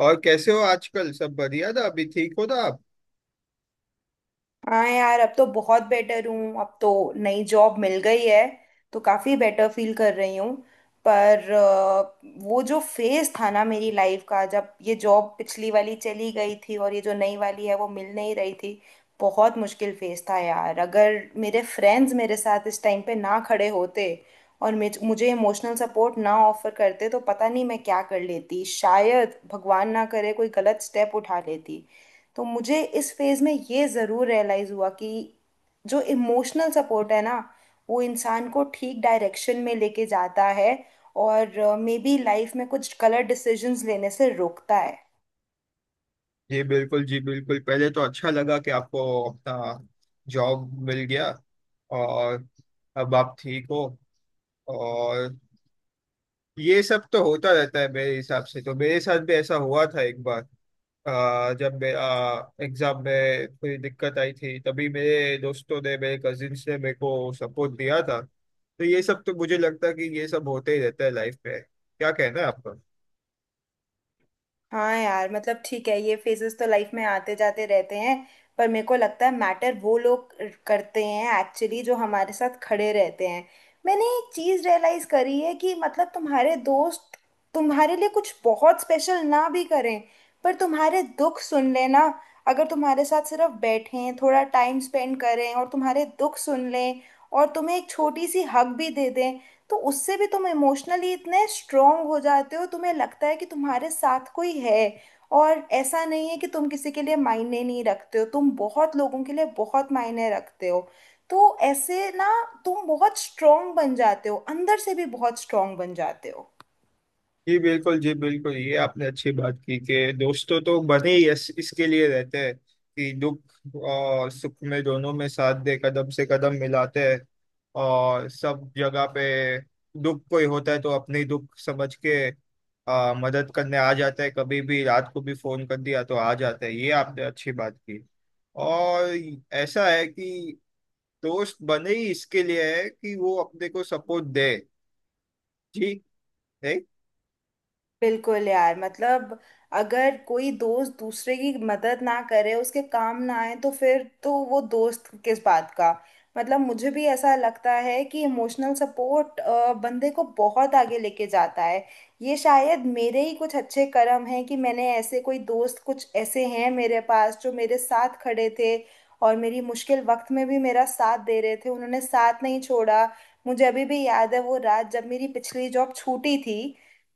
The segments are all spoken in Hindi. और कैसे हो आजकल? सब बढ़िया? था अभी ठीक हो, था आप। हाँ यार, अब तो बहुत बेटर हूँ। अब तो नई जॉब मिल गई है, तो काफ़ी बेटर फील कर रही हूँ। पर वो जो फेज था ना मेरी लाइफ का, जब ये जॉब पिछली वाली चली गई थी और ये जो नई वाली है वो मिल नहीं रही थी, बहुत मुश्किल फेज था यार। अगर मेरे फ्रेंड्स मेरे साथ इस टाइम पे ना खड़े होते और मुझे इमोशनल सपोर्ट ना ऑफर करते, तो पता नहीं मैं क्या कर लेती, शायद भगवान ना करे कोई गलत स्टेप उठा लेती। तो मुझे इस फेज में ये ज़रूर रियलाइज़ हुआ कि जो इमोशनल सपोर्ट है ना, वो इंसान को ठीक डायरेक्शन में लेके जाता है और मे बी लाइफ में कुछ गलत डिसीजंस लेने से रोकता है। जी बिल्कुल जी बिल्कुल, पहले तो अच्छा लगा कि आपको अपना जॉब मिल गया, और अब आप ठीक हो। और ये सब तो होता रहता है, मेरे हिसाब से तो मेरे साथ भी ऐसा हुआ था एक बार। जब मेरा एग्जाम में थोड़ी दिक्कत आई थी, तभी मेरे दोस्तों ने, मेरे कजिन्स ने मेरे को सपोर्ट दिया था। तो ये सब तो मुझे लगता है कि ये सब होते ही रहता है लाइफ में। क्या कहना है आपका? हाँ यार, मतलब ठीक है, ये फेजेस तो लाइफ में आते जाते रहते हैं। पर मेरे को लगता है मैटर वो लोग करते हैं एक्चुअली जो हमारे साथ खड़े रहते हैं। मैंने एक चीज रियलाइज करी है कि मतलब तुम्हारे दोस्त तुम्हारे लिए कुछ बहुत स्पेशल ना भी करें, पर तुम्हारे दुख सुन लेना, अगर तुम्हारे साथ सिर्फ बैठें थोड़ा टाइम स्पेंड करें और तुम्हारे दुख सुन लें और तुम्हें एक छोटी सी हक भी दे दें, तो उससे भी तुम इमोशनली इतने स्ट्रांग हो जाते हो, तुम्हें लगता है कि तुम्हारे साथ कोई है और ऐसा नहीं है कि तुम किसी के लिए मायने नहीं रखते हो, तुम बहुत लोगों के लिए बहुत मायने रखते हो। तो ऐसे ना तुम बहुत स्ट्रांग बन जाते हो, अंदर से भी बहुत स्ट्रांग बन जाते हो। जी बिल्कुल जी बिल्कुल, ये आपने अच्छी बात की, कि दोस्तों तो बने ही इसके लिए रहते हैं कि दुख और सुख में, दोनों में साथ दे, कदम से कदम मिलाते हैं। और सब जगह पे दुख कोई होता है, तो अपनी दुख समझ के मदद करने आ जाता है। कभी भी रात को भी फोन कर दिया तो आ जाता है। ये आपने अच्छी बात की। और ऐसा है कि दोस्त बने ही इसके लिए है, कि वो अपने को सपोर्ट दे। जी, है? बिल्कुल यार, मतलब अगर कोई दोस्त दूसरे की मदद ना करे, उसके काम ना आए, तो फिर तो वो दोस्त किस बात का। मतलब मुझे भी ऐसा लगता है कि इमोशनल सपोर्ट बंदे को बहुत आगे लेके जाता है। ये शायद मेरे ही कुछ अच्छे कर्म हैं कि मैंने ऐसे कोई दोस्त, कुछ ऐसे हैं मेरे पास जो मेरे साथ खड़े थे और मेरी मुश्किल वक्त में भी मेरा साथ दे रहे थे, उन्होंने साथ नहीं छोड़ा। मुझे अभी भी याद है वो रात जब मेरी पिछली जॉब छूटी थी,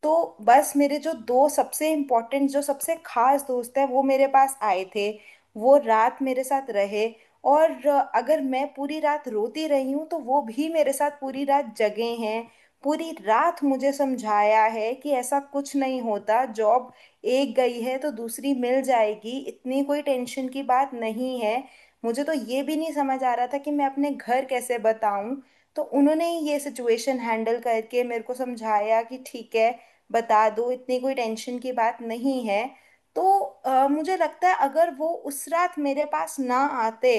तो बस मेरे जो दो सबसे इम्पोर्टेंट, जो सबसे खास दोस्त हैं, वो मेरे पास आए थे, वो रात मेरे साथ रहे। और अगर मैं पूरी रात रोती रही हूँ, तो वो भी मेरे साथ पूरी रात जगे हैं। पूरी रात मुझे समझाया है कि ऐसा कुछ नहीं होता, जॉब एक गई है तो दूसरी मिल जाएगी, इतनी कोई टेंशन की बात नहीं है। मुझे तो ये भी नहीं समझ आ रहा था कि मैं अपने घर कैसे बताऊं, तो उन्होंने ही ये सिचुएशन हैंडल करके मेरे को समझाया कि ठीक है, बता दो, इतनी कोई टेंशन की बात नहीं है। तो मुझे लगता है अगर वो उस रात मेरे पास ना आते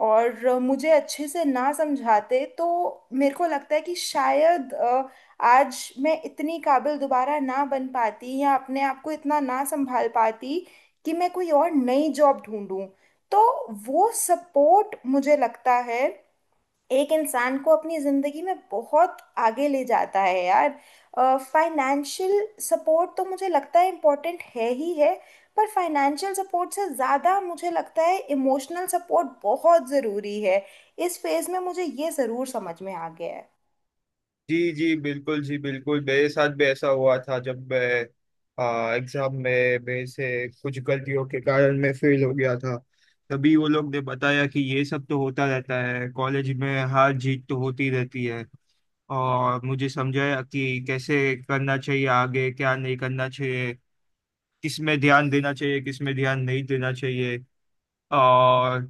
और मुझे अच्छे से ना समझाते, तो मेरे को लगता है कि शायद आज मैं इतनी काबिल दोबारा ना बन पाती या अपने आप को इतना ना संभाल पाती कि मैं कोई और नई जॉब ढूंढूं। तो वो सपोर्ट मुझे लगता है एक इंसान को अपनी जिंदगी में बहुत आगे ले जाता है यार। फाइनेंशियल सपोर्ट तो मुझे लगता है इम्पोर्टेंट है ही है, पर फाइनेंशियल सपोर्ट से ज़्यादा मुझे लगता है इमोशनल सपोर्ट बहुत ज़रूरी है। इस फेज में मुझे ये ज़रूर समझ में आ गया है। जी जी बिल्कुल जी बिल्कुल, मेरे साथ भी ऐसा हुआ था। जब मैं एग्जाम में मेरे से कुछ गलतियों के कारण मैं फेल हो गया था, तभी वो लोग ने बताया कि ये सब तो होता रहता है, कॉलेज में हार जीत तो होती रहती है। और मुझे समझाया कि कैसे करना चाहिए आगे, क्या नहीं करना चाहिए, किस में ध्यान देना चाहिए, किस में ध्यान नहीं देना चाहिए। और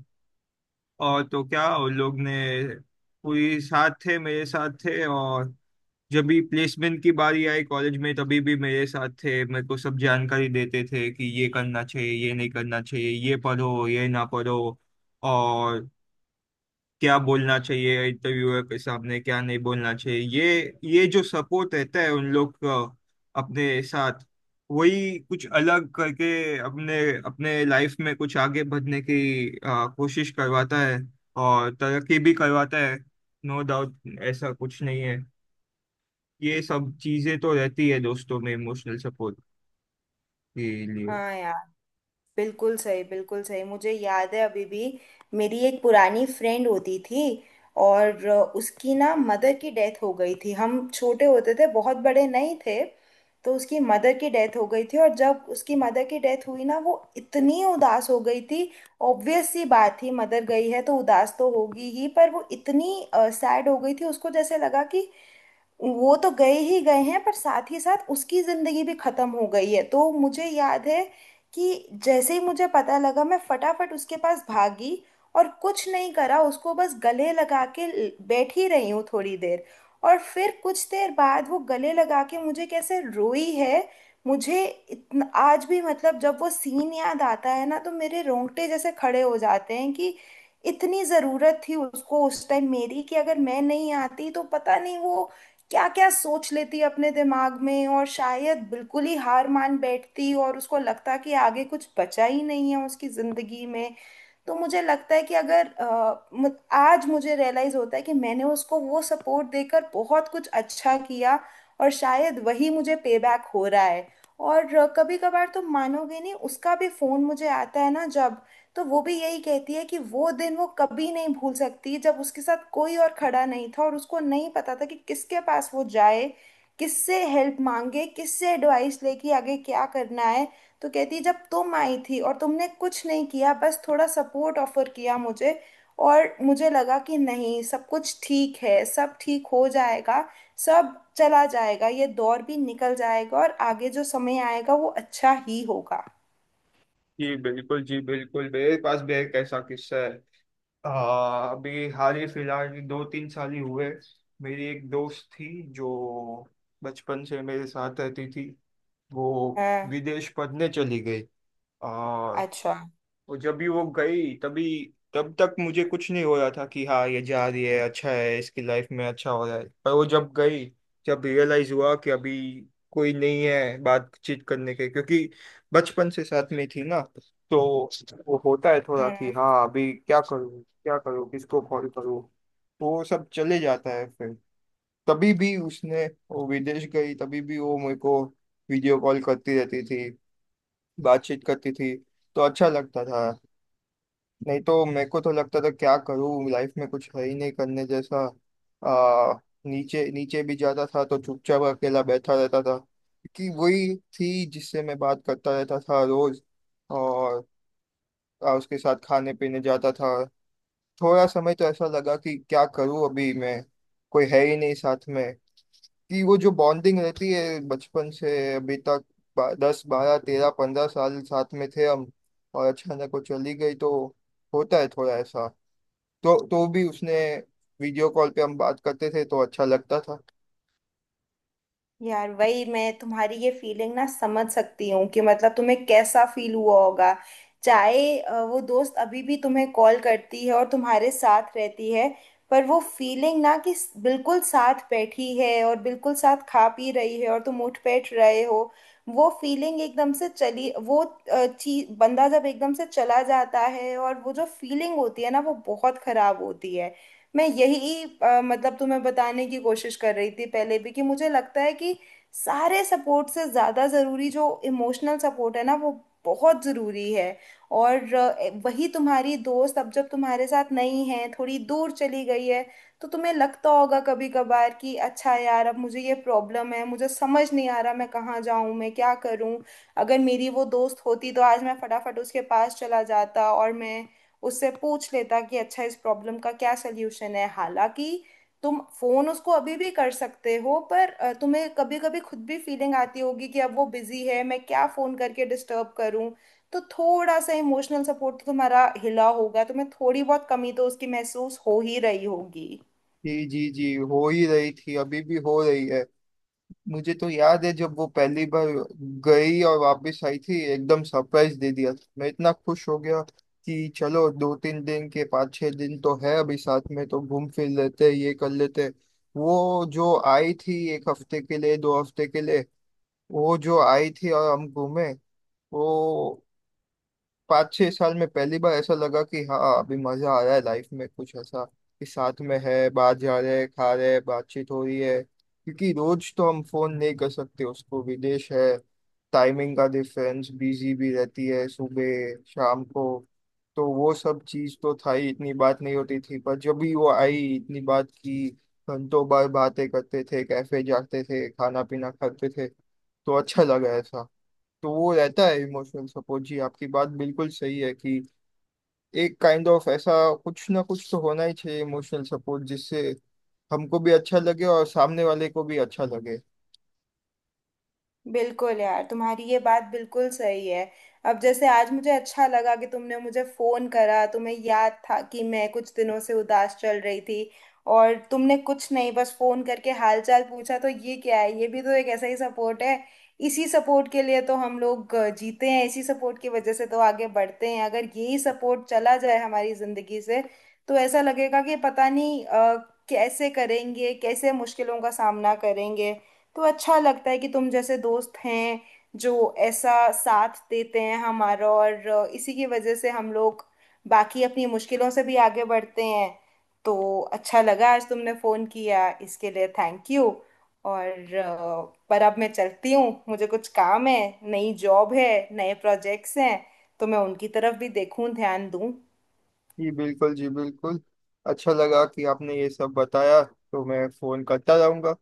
तो क्या उन लोग ने पूरी साथ थे, मेरे साथ थे। और जब भी प्लेसमेंट की बारी आई कॉलेज में, तभी भी मेरे साथ थे। मेरे को सब जानकारी देते थे कि ये करना चाहिए, ये नहीं करना चाहिए, ये पढ़ो ये ना पढ़ो। और क्या बोलना चाहिए इंटरव्यूअर के सामने, क्या नहीं बोलना चाहिए। ये जो सपोर्ट रहता है उन लोग का अपने साथ, वही कुछ अलग करके अपने अपने लाइफ में कुछ आगे बढ़ने की कोशिश करवाता है, और तरक्की भी करवाता है। No doubt. ऐसा कुछ नहीं है, ये सब चीजें तो रहती है दोस्तों में, इमोशनल सपोर्ट के लिए। हाँ यार, बिल्कुल सही, बिल्कुल सही। मुझे याद है अभी भी, मेरी एक पुरानी फ्रेंड होती थी और उसकी ना मदर की डेथ हो गई थी, हम छोटे होते थे, बहुत बड़े नहीं थे। तो उसकी मदर की डेथ हो गई थी, और जब उसकी मदर की डेथ हुई ना, वो इतनी उदास हो गई थी। ऑब्वियस सी बात थी, मदर गई है तो उदास तो होगी ही, पर वो इतनी सैड हो गई थी, उसको जैसे लगा कि वो तो गए ही गए हैं, पर साथ ही साथ उसकी जिंदगी भी खत्म हो गई है। तो मुझे याद है कि जैसे ही मुझे पता लगा, मैं फटाफट उसके पास भागी और कुछ नहीं करा, उसको बस गले लगा के बैठ ही रही हूँ थोड़ी देर, और फिर कुछ देर बाद वो गले लगा के मुझे कैसे रोई है। मुझे इतना आज भी, मतलब जब वो सीन याद आता है ना, तो मेरे रोंगटे जैसे खड़े हो जाते हैं कि इतनी ज़रूरत थी उसको उस टाइम मेरी, कि अगर मैं नहीं आती तो पता नहीं वो क्या क्या सोच लेती अपने दिमाग में, और शायद बिल्कुल ही हार मान बैठती और उसको लगता कि आगे कुछ बचा ही नहीं है उसकी जिंदगी में। तो मुझे लगता है कि अगर आज मुझे रियलाइज होता है कि मैंने उसको वो सपोर्ट देकर बहुत कुछ अच्छा किया, और शायद वही मुझे पे बैक हो रहा है। और कभी कभार, तो मानोगे नहीं, उसका भी फोन मुझे आता है ना जब, तो वो भी यही कहती है कि वो दिन वो कभी नहीं भूल सकती जब उसके साथ कोई और खड़ा नहीं था और उसको नहीं पता था कि किसके पास वो जाए, किससे हेल्प मांगे, किससे एडवाइस लेके आगे क्या करना है। तो कहती, जब तुम आई थी और तुमने कुछ नहीं किया, बस थोड़ा सपोर्ट ऑफर किया मुझे, और मुझे लगा कि नहीं, सब कुछ ठीक है, सब ठीक हो जाएगा, सब चला जाएगा, ये दौर भी निकल जाएगा और आगे जो समय आएगा वो अच्छा ही होगा। जी बिल्कुल जी बिल्कुल, मेरे पास भी एक ऐसा किस्सा है। अभी हाल ही फिलहाल 2-3 साल ही हुए, मेरी एक दोस्त थी, जो बचपन से मेरे साथ रहती थी। वो हाँ। विदेश पढ़ने चली गई। आ, अच्छा। वो जब भी, वो गई तभी, तब तक मुझे कुछ नहीं हो रहा था कि हाँ ये जा रही है, अच्छा है, इसकी लाइफ में अच्छा हो रहा है। पर वो जब गई, जब रियलाइज हुआ कि अभी कोई नहीं है बातचीत करने के, क्योंकि बचपन से साथ में थी ना। तो वो होता है थोड़ा, कि हम्म। हाँ अभी क्या करूँ क्या करूँ, किसको कॉल करूँ। तो वो सब चले जाता है फिर। तभी भी उसने, वो विदेश गई तभी भी, वो मेरे को वीडियो कॉल करती रहती थी, बातचीत करती थी, तो अच्छा लगता था। नहीं तो मेरे को तो लगता था क्या करूँ, लाइफ में कुछ है ही नहीं करने जैसा। आ, नीचे नीचे भी जाता था तो चुपचाप अकेला बैठा रहता था। कि वही थी जिससे मैं बात करता रहता था रोज। और उसके साथ खाने पीने जाता था। थोड़ा समय तो ऐसा लगा कि क्या करूँ अभी मैं, कोई है ही नहीं साथ में। कि वो जो बॉन्डिंग रहती है बचपन से अभी तक, 10, 12, 13, 15 साल साथ में थे हम, और अचानक वो चली गई, तो होता है थोड़ा ऐसा। तो भी उसने वीडियो कॉल पे हम बात करते थे, तो अच्छा लगता था। यार वही, मैं तुम्हारी ये फीलिंग ना समझ सकती हूँ कि मतलब तुम्हें कैसा फील हुआ होगा। चाहे वो दोस्त अभी भी तुम्हें कॉल करती है और तुम्हारे साथ रहती है, पर वो फीलिंग ना कि बिल्कुल साथ बैठी है और बिल्कुल साथ खा पी रही है और तुम उठ बैठ रहे हो, वो फीलिंग एकदम से चली। वो चीज, बंदा जब एकदम से चला जाता है और वो जो फीलिंग होती है ना, वो बहुत खराब होती है। मैं यही मतलब तुम्हें बताने की कोशिश कर रही थी पहले भी कि मुझे लगता है कि सारे सपोर्ट से ज़्यादा ज़रूरी जो इमोशनल सपोर्ट है ना, वो बहुत ज़रूरी है। और वही तुम्हारी दोस्त अब जब तुम्हारे साथ नहीं है, थोड़ी दूर चली गई है, तो तुम्हें लगता होगा कभी कभार कि अच्छा यार, अब मुझे ये प्रॉब्लम है, मुझे समझ नहीं आ रहा मैं कहाँ जाऊँ, मैं क्या करूँ। अगर मेरी वो दोस्त होती तो आज मैं फटाफट उसके पास चला जाता और मैं उससे पूछ लेता कि अच्छा, इस प्रॉब्लम का क्या सल्यूशन है। हालांकि तुम फोन उसको अभी भी कर सकते हो, पर तुम्हें कभी कभी खुद भी फीलिंग आती होगी कि अब वो बिजी है, मैं क्या फोन करके डिस्टर्ब करूं। तो थोड़ा सा इमोशनल सपोर्ट तो तुम्हारा हिला होगा, तुम्हें थोड़ी बहुत कमी तो उसकी महसूस हो ही रही होगी। जी जी जी, हो ही रही थी, अभी भी हो रही है। मुझे तो याद है जब वो पहली बार गई और वापस आई थी, एकदम सरप्राइज दे दिया था। मैं इतना खुश हो गया कि चलो 2-3 दिन के, 5-6 दिन तो है अभी साथ में, तो घूम फिर लेते हैं, ये कर लेते हैं। वो जो आई थी एक हफ्ते के लिए, 2 हफ्ते के लिए, वो जो आई थी और हम घूमे। वो, 5-6 साल में पहली बार ऐसा लगा कि हाँ अभी मजा आ रहा है लाइफ में, कुछ ऐसा कि साथ में है, बाहर जा रहे हैं, खा रहे हैं, बातचीत हो रही है। क्योंकि रोज तो हम फोन नहीं कर सकते उसको, विदेश है, टाइमिंग का डिफरेंस, बिजी भी रहती है सुबह शाम को। तो वो सब चीज़ तो था ही, इतनी बात नहीं होती थी। पर जब भी वो आई, इतनी बात की, घंटों बार बातें करते थे, कैफे जाते थे, खाना पीना खाते थे, तो अच्छा लगा ऐसा। तो वो रहता है इमोशनल सपोर्ट। जी, आपकी बात बिल्कुल सही है कि एक काइंड ऑफ ऐसा कुछ ना कुछ तो होना ही चाहिए, इमोशनल सपोर्ट, जिससे हमको भी अच्छा लगे और सामने वाले को भी अच्छा लगे। बिल्कुल यार, तुम्हारी ये बात बिल्कुल सही है। अब जैसे आज मुझे अच्छा लगा कि तुमने मुझे फोन करा, तुम्हें याद था कि मैं कुछ दिनों से उदास चल रही थी और तुमने कुछ नहीं बस फोन करके हालचाल पूछा, तो ये क्या है, ये भी तो एक ऐसा ही सपोर्ट है। इसी सपोर्ट के लिए तो हम लोग जीते हैं, इसी सपोर्ट की वजह से तो आगे बढ़ते हैं। अगर यही सपोर्ट चला जाए हमारी जिंदगी से, तो ऐसा लगेगा कि पता नहीं कैसे करेंगे, कैसे मुश्किलों का सामना करेंगे। तो अच्छा लगता है कि तुम जैसे दोस्त हैं जो ऐसा साथ देते हैं हमारा, और इसी की वजह से हम लोग बाकी अपनी मुश्किलों से भी आगे बढ़ते हैं। तो अच्छा लगा आज तुमने फ़ोन किया, इसके लिए थैंक यू। और पर अब मैं चलती हूँ, मुझे कुछ काम है, नई जॉब है, नए प्रोजेक्ट्स हैं, तो मैं उनकी तरफ भी देखूं, ध्यान दूं। जी बिल्कुल जी बिल्कुल, अच्छा लगा कि आपने ये सब बताया। तो मैं फोन करता रहूंगा,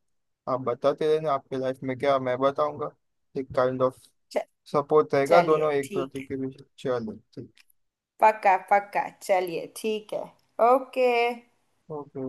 आप बताते रहना आपके लाइफ में क्या, मैं बताऊंगा। एक काइंड ऑफ च- सपोर्ट रहेगा चलिए दोनों एक ठीक प्रति है। के बीच। चलो ठीक। पक्का पक्का, चलिए ठीक है। ओके। ओके।